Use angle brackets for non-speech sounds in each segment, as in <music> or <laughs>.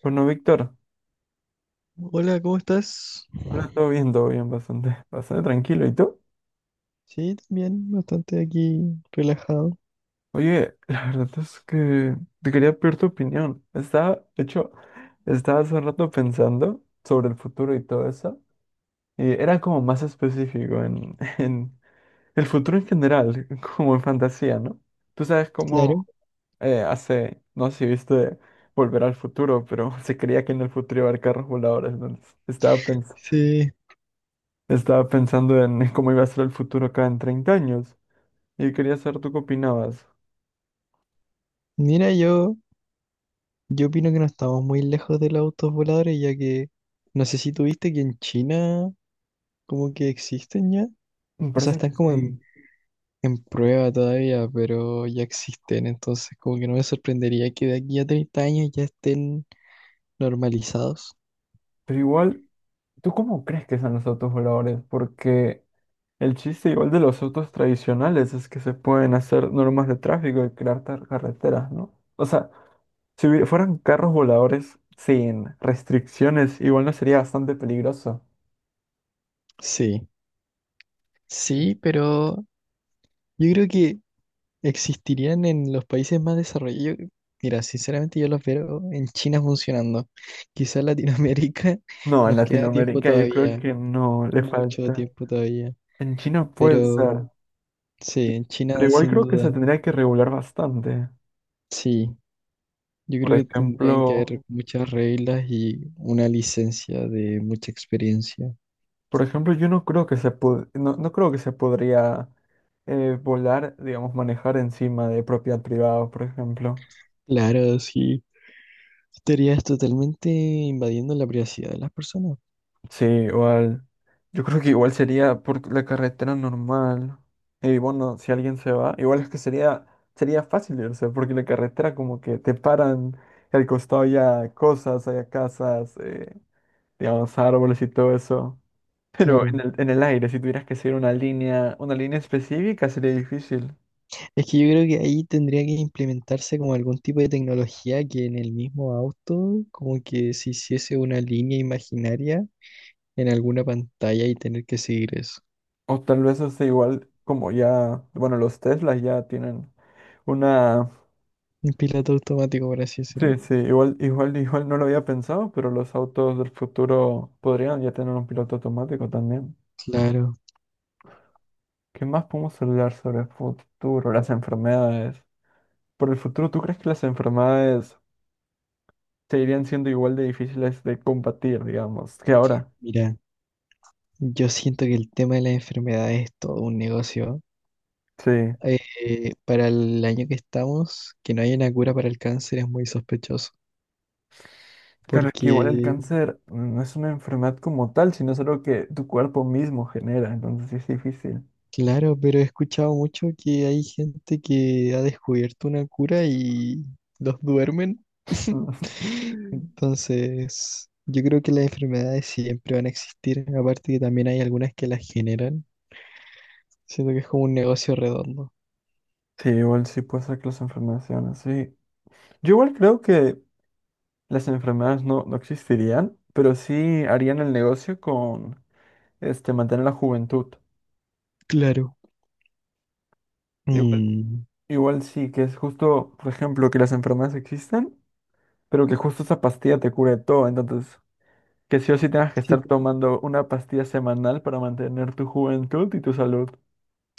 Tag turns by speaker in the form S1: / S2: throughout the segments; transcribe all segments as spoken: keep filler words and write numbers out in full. S1: Bueno, Víctor,
S2: Hola, ¿cómo estás?
S1: hola, todo bien, todo bien, bastante, <laughs> bastante tranquilo. ¿Y tú?
S2: Sí, también, bastante aquí relajado.
S1: Oye, la verdad es que te quería pedir tu opinión. Estaba, de hecho, estaba hace rato pensando sobre el futuro y todo eso. Y era como más específico en, <laughs> en el futuro en general, como en fantasía, ¿no? Tú sabes
S2: Claro.
S1: cómo eh, hace, no sé si viste Volver al futuro, pero <laughs> se creía que en el futuro iba a haber carros voladores. Entonces, estaba, pens-
S2: Sí.
S1: estaba pensando en cómo iba a ser el futuro acá en treinta años. Y quería saber tú qué opinabas.
S2: Mira, yo, yo opino que no estamos muy lejos de los autos voladores, ya que no sé si tuviste que en China como que existen ya.
S1: Me
S2: O sea,
S1: parece
S2: están
S1: que
S2: como en,
S1: sí.
S2: en prueba todavía, pero ya existen. Entonces, como que no me sorprendería que de aquí a treinta años ya estén normalizados.
S1: Pero igual, ¿tú cómo crees que sean los autos voladores? Porque el chiste igual de los autos tradicionales es que se pueden hacer normas de tráfico y crear tar- carreteras, ¿no? O sea, si hubi- fueran carros voladores sin restricciones, igual no sería bastante peligroso.
S2: Sí, sí, pero yo creo que existirían en los países más desarrollados. Yo- Mira, sinceramente yo los veo en China funcionando. Quizás Latinoamérica <laughs>
S1: No, en
S2: nos queda tiempo
S1: Latinoamérica yo creo
S2: todavía,
S1: que no le
S2: mucho
S1: falta.
S2: tiempo todavía.
S1: En China puede ser,
S2: Pero sí, en
S1: pero
S2: China
S1: igual
S2: sin
S1: creo que
S2: duda,
S1: se tendría que regular bastante.
S2: sí. Yo
S1: Por
S2: creo que
S1: ejemplo,
S2: tendrían que haber muchas reglas y una licencia de mucha experiencia.
S1: Por ejemplo, yo no creo que se pod- no, no creo que se podría eh, volar, digamos, manejar encima de propiedad privada, por ejemplo.
S2: Claro, sí. Estarías totalmente invadiendo la privacidad de las personas.
S1: Sí, igual. Yo creo que igual sería por la carretera normal. Y bueno, si alguien se va, igual es que sería, sería fácil irse, porque la carretera como que te paran y al costado ya cosas, hay casas, eh, digamos, árboles y todo eso. Pero en
S2: Claro.
S1: el, en el aire, si tuvieras que seguir una línea, una línea específica, sería difícil.
S2: Es que yo creo que ahí tendría que implementarse como algún tipo de tecnología que en el mismo auto, como que se hiciese una línea imaginaria en alguna pantalla y tener que seguir eso.
S1: O tal vez hace igual como ya, bueno, los Teslas ya tienen una...
S2: Un piloto automático, por así
S1: Sí,
S2: decirlo.
S1: sí, igual, igual, igual no lo había pensado, pero los autos del futuro podrían ya tener un piloto automático también.
S2: Claro,
S1: ¿Qué más podemos hablar sobre el futuro? Las enfermedades. Por el futuro, ¿tú crees que las enfermedades seguirían siendo igual de difíciles de combatir, digamos, que ahora?
S2: mira, yo siento que el tema de las enfermedades es todo un negocio.
S1: Sí.
S2: Eh, para el año que estamos, que no haya una cura para el cáncer es muy sospechoso,
S1: Claro, es que igual el
S2: porque,
S1: cáncer no es una enfermedad como tal, sino es algo que tu cuerpo mismo genera, entonces sí es difícil.
S2: Claro, pero he escuchado mucho que hay gente que ha descubierto una cura y los duermen. <laughs>
S1: <laughs>
S2: Entonces, yo creo que las enfermedades siempre van a existir, aparte que también hay algunas que las generan. Siento que es como un negocio redondo.
S1: Sí, igual sí puede ser que las enfermedades sean así. Yo igual creo que las enfermedades no, no existirían, pero sí harían el negocio con este mantener la juventud.
S2: Claro.
S1: Igual,
S2: Mm,
S1: Igual sí, que es justo, por ejemplo, que las enfermedades existen, pero que justo esa pastilla te cure todo. Entonces, que sí o sí tengas que
S2: sí,
S1: estar tomando una pastilla semanal para mantener tu juventud y tu salud.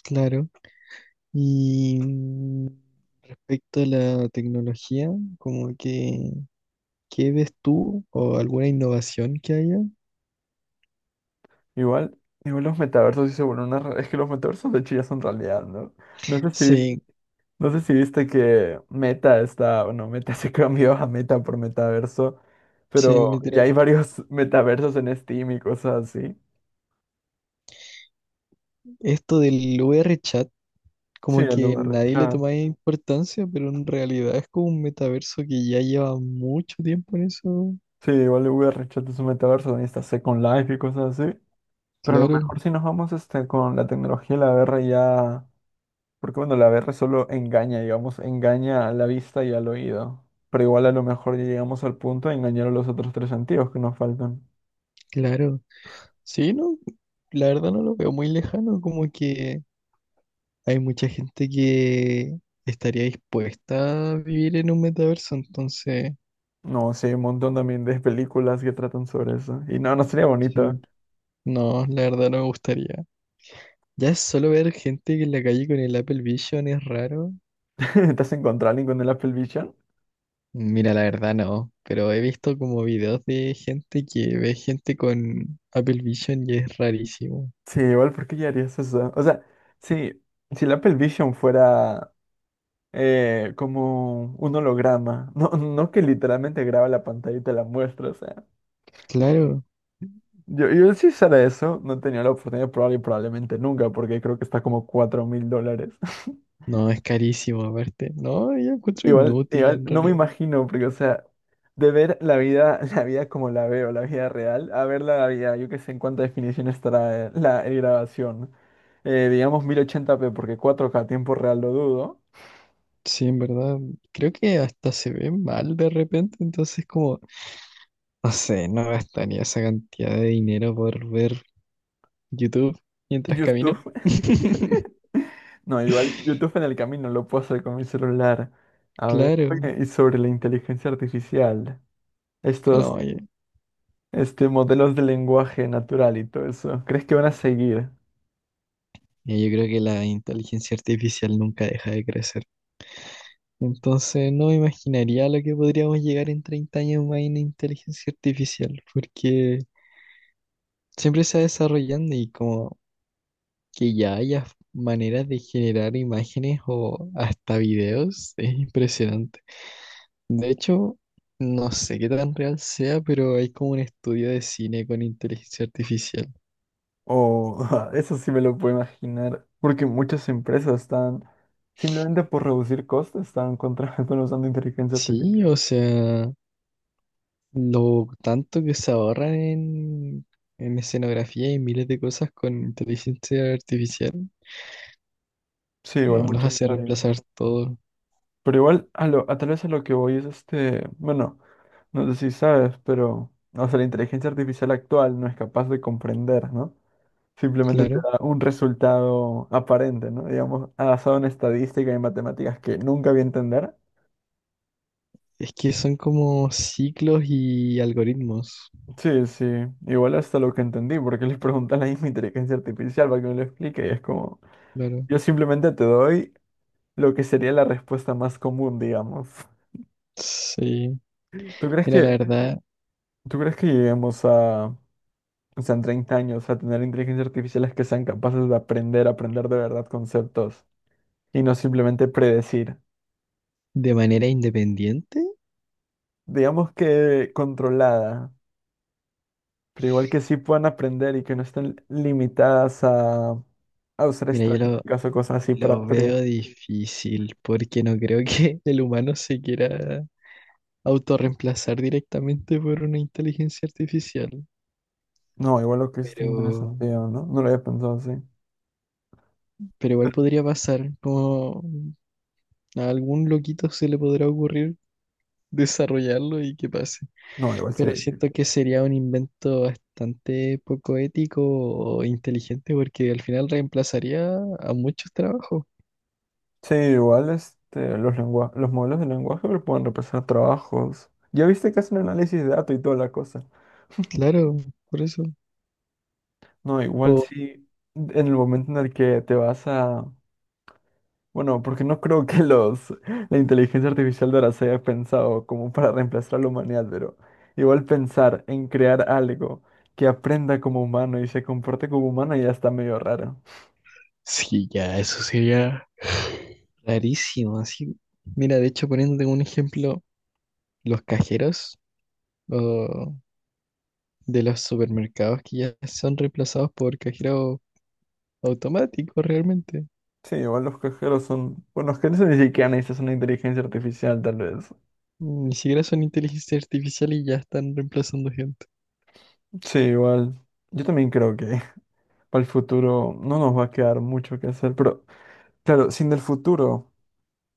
S2: claro. Y mm, respecto a la tecnología, como que, ¿qué ves tú o alguna innovación que haya?
S1: Igual, Igual los metaversos sí se vuelven una... re- Es que los metaversos de hecho ya son realidad, ¿no? No sé si...
S2: Sí,
S1: No sé si viste que Meta está, bueno, Meta <laughs> se cambió a Meta por Metaverso,
S2: sí,
S1: pero ya hay
S2: literal.
S1: varios <laughs> metaversos en Steam y cosas así.
S2: Esto del V R chat.
S1: Sí,
S2: Como
S1: el
S2: que
S1: V R
S2: nadie le
S1: chat
S2: tomaba importancia, pero en realidad es como un metaverso que ya lleva mucho tiempo en eso.
S1: Sí, igual el V R chat es un metaverso, también está Second Life y cosas así. Pero a lo
S2: Claro,
S1: mejor si nos vamos este, con la tecnología y la V R ya... Porque bueno, la V R solo engaña, digamos, engaña a la vista y al oído. Pero igual a lo mejor ya llegamos al punto de engañar a los otros tres sentidos que nos faltan.
S2: claro. Sí, no, la verdad no lo veo muy lejano, como que hay mucha gente que estaría dispuesta a vivir en un metaverso, entonces,
S1: No, sí, hay un montón también de películas que tratan sobre eso. Y no, no sería bonito.
S2: sí. No, la verdad no me gustaría. Ya solo ver gente que en la calle con el Apple Vision es raro.
S1: <laughs> ¿Te has encontrado a alguien con el Apple Vision?
S2: Mira, la verdad no, pero he visto como videos de gente que ve gente con Apple Vision y es rarísimo.
S1: Sí, igual, ¿por qué ya harías eso? O sea, sí, si el Apple Vision fuera eh, como un holograma, no, no que literalmente graba la pantalla y te la muestra, o sea.
S2: Claro,
S1: Yo, yo si usara eso, no tenía la oportunidad, probable, probablemente nunca, porque creo que está como cuatro mil dólares.
S2: no, es carísimo aparte. No, yo encuentro
S1: Igual,
S2: inútil
S1: igual,
S2: en
S1: no me
S2: realidad.
S1: imagino, porque, o sea, de ver la vida, <laughs> la vida como la veo, la vida real, a ver la vida, yo qué sé en cuánta definición estará eh, la el grabación. Eh, digamos mil ochenta p porque cuatro k tiempo real lo dudo.
S2: Sí, en verdad, creo que hasta se ve mal de repente, entonces como, no sé, no gastaría esa cantidad de dinero por ver YouTube mientras camino.
S1: YouTube.
S2: <laughs>
S1: <laughs> No, igual YouTube en el camino lo puedo hacer con mi celular. A ver,
S2: Claro,
S1: oye, y sobre la inteligencia artificial, estos,
S2: no, yo,
S1: este, modelos de lenguaje natural y todo eso, ¿crees que van a seguir?
S2: yo creo que la inteligencia artificial nunca deja de crecer. Entonces no me imaginaría lo que podríamos llegar en treinta años más en inteligencia artificial, porque siempre se va desarrollando y como que ya haya maneras de generar imágenes o hasta videos es impresionante. De hecho, no sé qué tan real sea, pero hay como un estudio de cine con inteligencia artificial.
S1: O <laughs> eso sí me lo puedo imaginar, porque muchas empresas están, simplemente por reducir costes, están contratando <laughs> usando inteligencia
S2: Sí,
S1: artificial.
S2: o sea, lo tanto que se ahorran en, en escenografía y miles de cosas con inteligencia artificial.
S1: Sí, igual
S2: No, los
S1: muchas
S2: hace
S1: áreas.
S2: reemplazar todo,
S1: Pero igual, a lo, a tal vez a lo que voy es este, bueno, no sé si sabes, pero, o sea, la inteligencia artificial actual no es capaz de comprender, ¿no? Simplemente te
S2: claro.
S1: da un resultado aparente, ¿no? Digamos, basado en estadística y en matemáticas que nunca voy a entender,
S2: Es que son como ciclos y algoritmos,
S1: sí, sí, igual hasta lo que entendí, porque les preguntan la misma inteligencia artificial para que me lo explique y es como,
S2: claro.
S1: yo simplemente te doy lo que sería la respuesta más común, digamos.
S2: Sí.
S1: ¿Tú crees
S2: Mira, la
S1: que,
S2: verdad,
S1: Tú crees que lleguemos a, o sea, en treinta años a tener inteligencias artificiales que sean capaces de aprender, aprender de verdad conceptos y no simplemente predecir?
S2: de manera independiente,
S1: Digamos que controlada, pero igual que sí puedan aprender y que no estén limitadas a, a usar
S2: mira, yo lo,
S1: estadísticas o cosas así para
S2: lo
S1: predecir.
S2: veo difícil porque no creo que <laughs> el humano se quiera autorreemplazar directamente por una inteligencia artificial.
S1: No, igual lo que es está
S2: Pero,
S1: interesante, ¿no? No lo había pensado así.
S2: pero igual podría pasar, como a algún loquito se le podrá ocurrir desarrollarlo y que pase.
S1: No, igual
S2: Pero
S1: sería
S2: siento
S1: difícil.
S2: que sería un invento bastante poco ético o inteligente porque al final reemplazaría a muchos trabajos.
S1: Sí, igual este, los lengua- los modelos de lenguaje pero pueden reemplazar trabajos. Ya viste que hacen análisis de datos y toda la cosa.
S2: Claro, por eso.
S1: No, igual
S2: O
S1: sí, en el momento en el que te vas a... Bueno, porque no creo que los <laughs> la inteligencia artificial de ahora se haya pensado como para reemplazar a la humanidad, pero igual pensar en crear algo que aprenda como humano y se comporte como humano ya está medio raro.
S2: sí, ya, eso sería rarísimo. Así, mira, de hecho, poniéndote un ejemplo, los cajeros o de los supermercados que ya son reemplazados por cajeros automáticos realmente.
S1: Sí, igual los cajeros son... Bueno, los cajeros ni siquiera necesitan una inteligencia artificial, tal vez.
S2: Ni siquiera son inteligencia artificial y ya están reemplazando gente.
S1: Sí, igual. Yo también creo que <laughs> para el futuro no nos va a quedar mucho que hacer, pero claro, sin el futuro,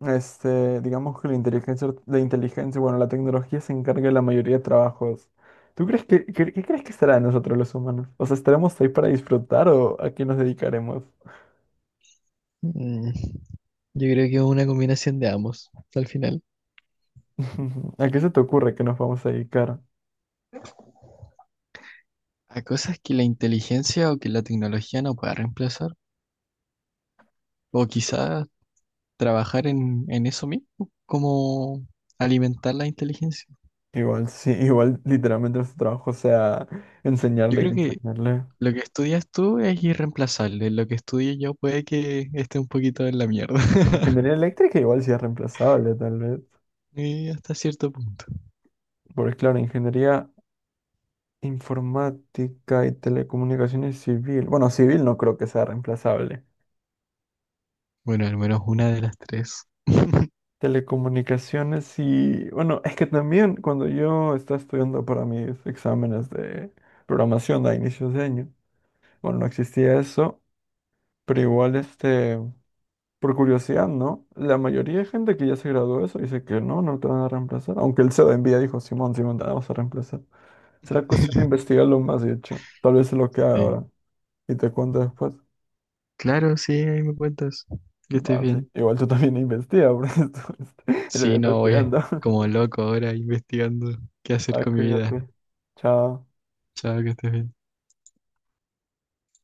S1: este, digamos que la inteligencia, art- la inteligencia, bueno, la tecnología se encarga de la mayoría de trabajos. ¿Tú crees que, qué, qué crees que estará de nosotros los humanos? O sea, ¿estaremos ahí para disfrutar o a qué nos dedicaremos?
S2: Mm, Yo creo que es una combinación de ambos, al final.
S1: <laughs> ¿A qué se te ocurre que nos vamos a dedicar?
S2: A cosas que la inteligencia o que la tecnología no pueda reemplazar, o quizás trabajar en, en eso mismo, como alimentar la inteligencia.
S1: Igual, sí, igual literalmente su trabajo, o sea,
S2: Yo
S1: enseñarle y
S2: creo que
S1: enseñarle.
S2: lo que estudias tú es irreemplazable, lo que estudie yo puede que esté un poquito en la mierda,
S1: Ingeniería eléctrica igual sí es reemplazable, tal vez.
S2: <laughs> y hasta cierto punto.
S1: Porque claro, ingeniería informática y telecomunicaciones civil. Bueno, civil no creo que sea reemplazable.
S2: Bueno, al menos una de las tres. <laughs>
S1: Telecomunicaciones y... Bueno, es que también cuando yo estaba estudiando para mis exámenes de programación a inicios de año, bueno, no existía eso, pero igual este... Por curiosidad, ¿no? La mayoría de gente que ya se graduó de eso dice que no, no te van a reemplazar. Aunque el C E O de Nvidia dijo, Simón, Simón, te vamos a reemplazar. Será cuestión de investigarlo más, de hecho. Tal vez es lo que haga
S2: Sí.
S1: ahora. Y te cuento después.
S2: Claro, sí, ahí me cuentas. Que estés
S1: Va, sí.
S2: bien.
S1: Igual tú también investiga, <laughs> porque esto es lo que
S2: Sí,
S1: estás
S2: no, voy
S1: estudiando. <laughs>
S2: como loco ahora investigando qué hacer
S1: Ah,
S2: con mi vida.
S1: cuídate. Chao.
S2: Chao, que estés bien.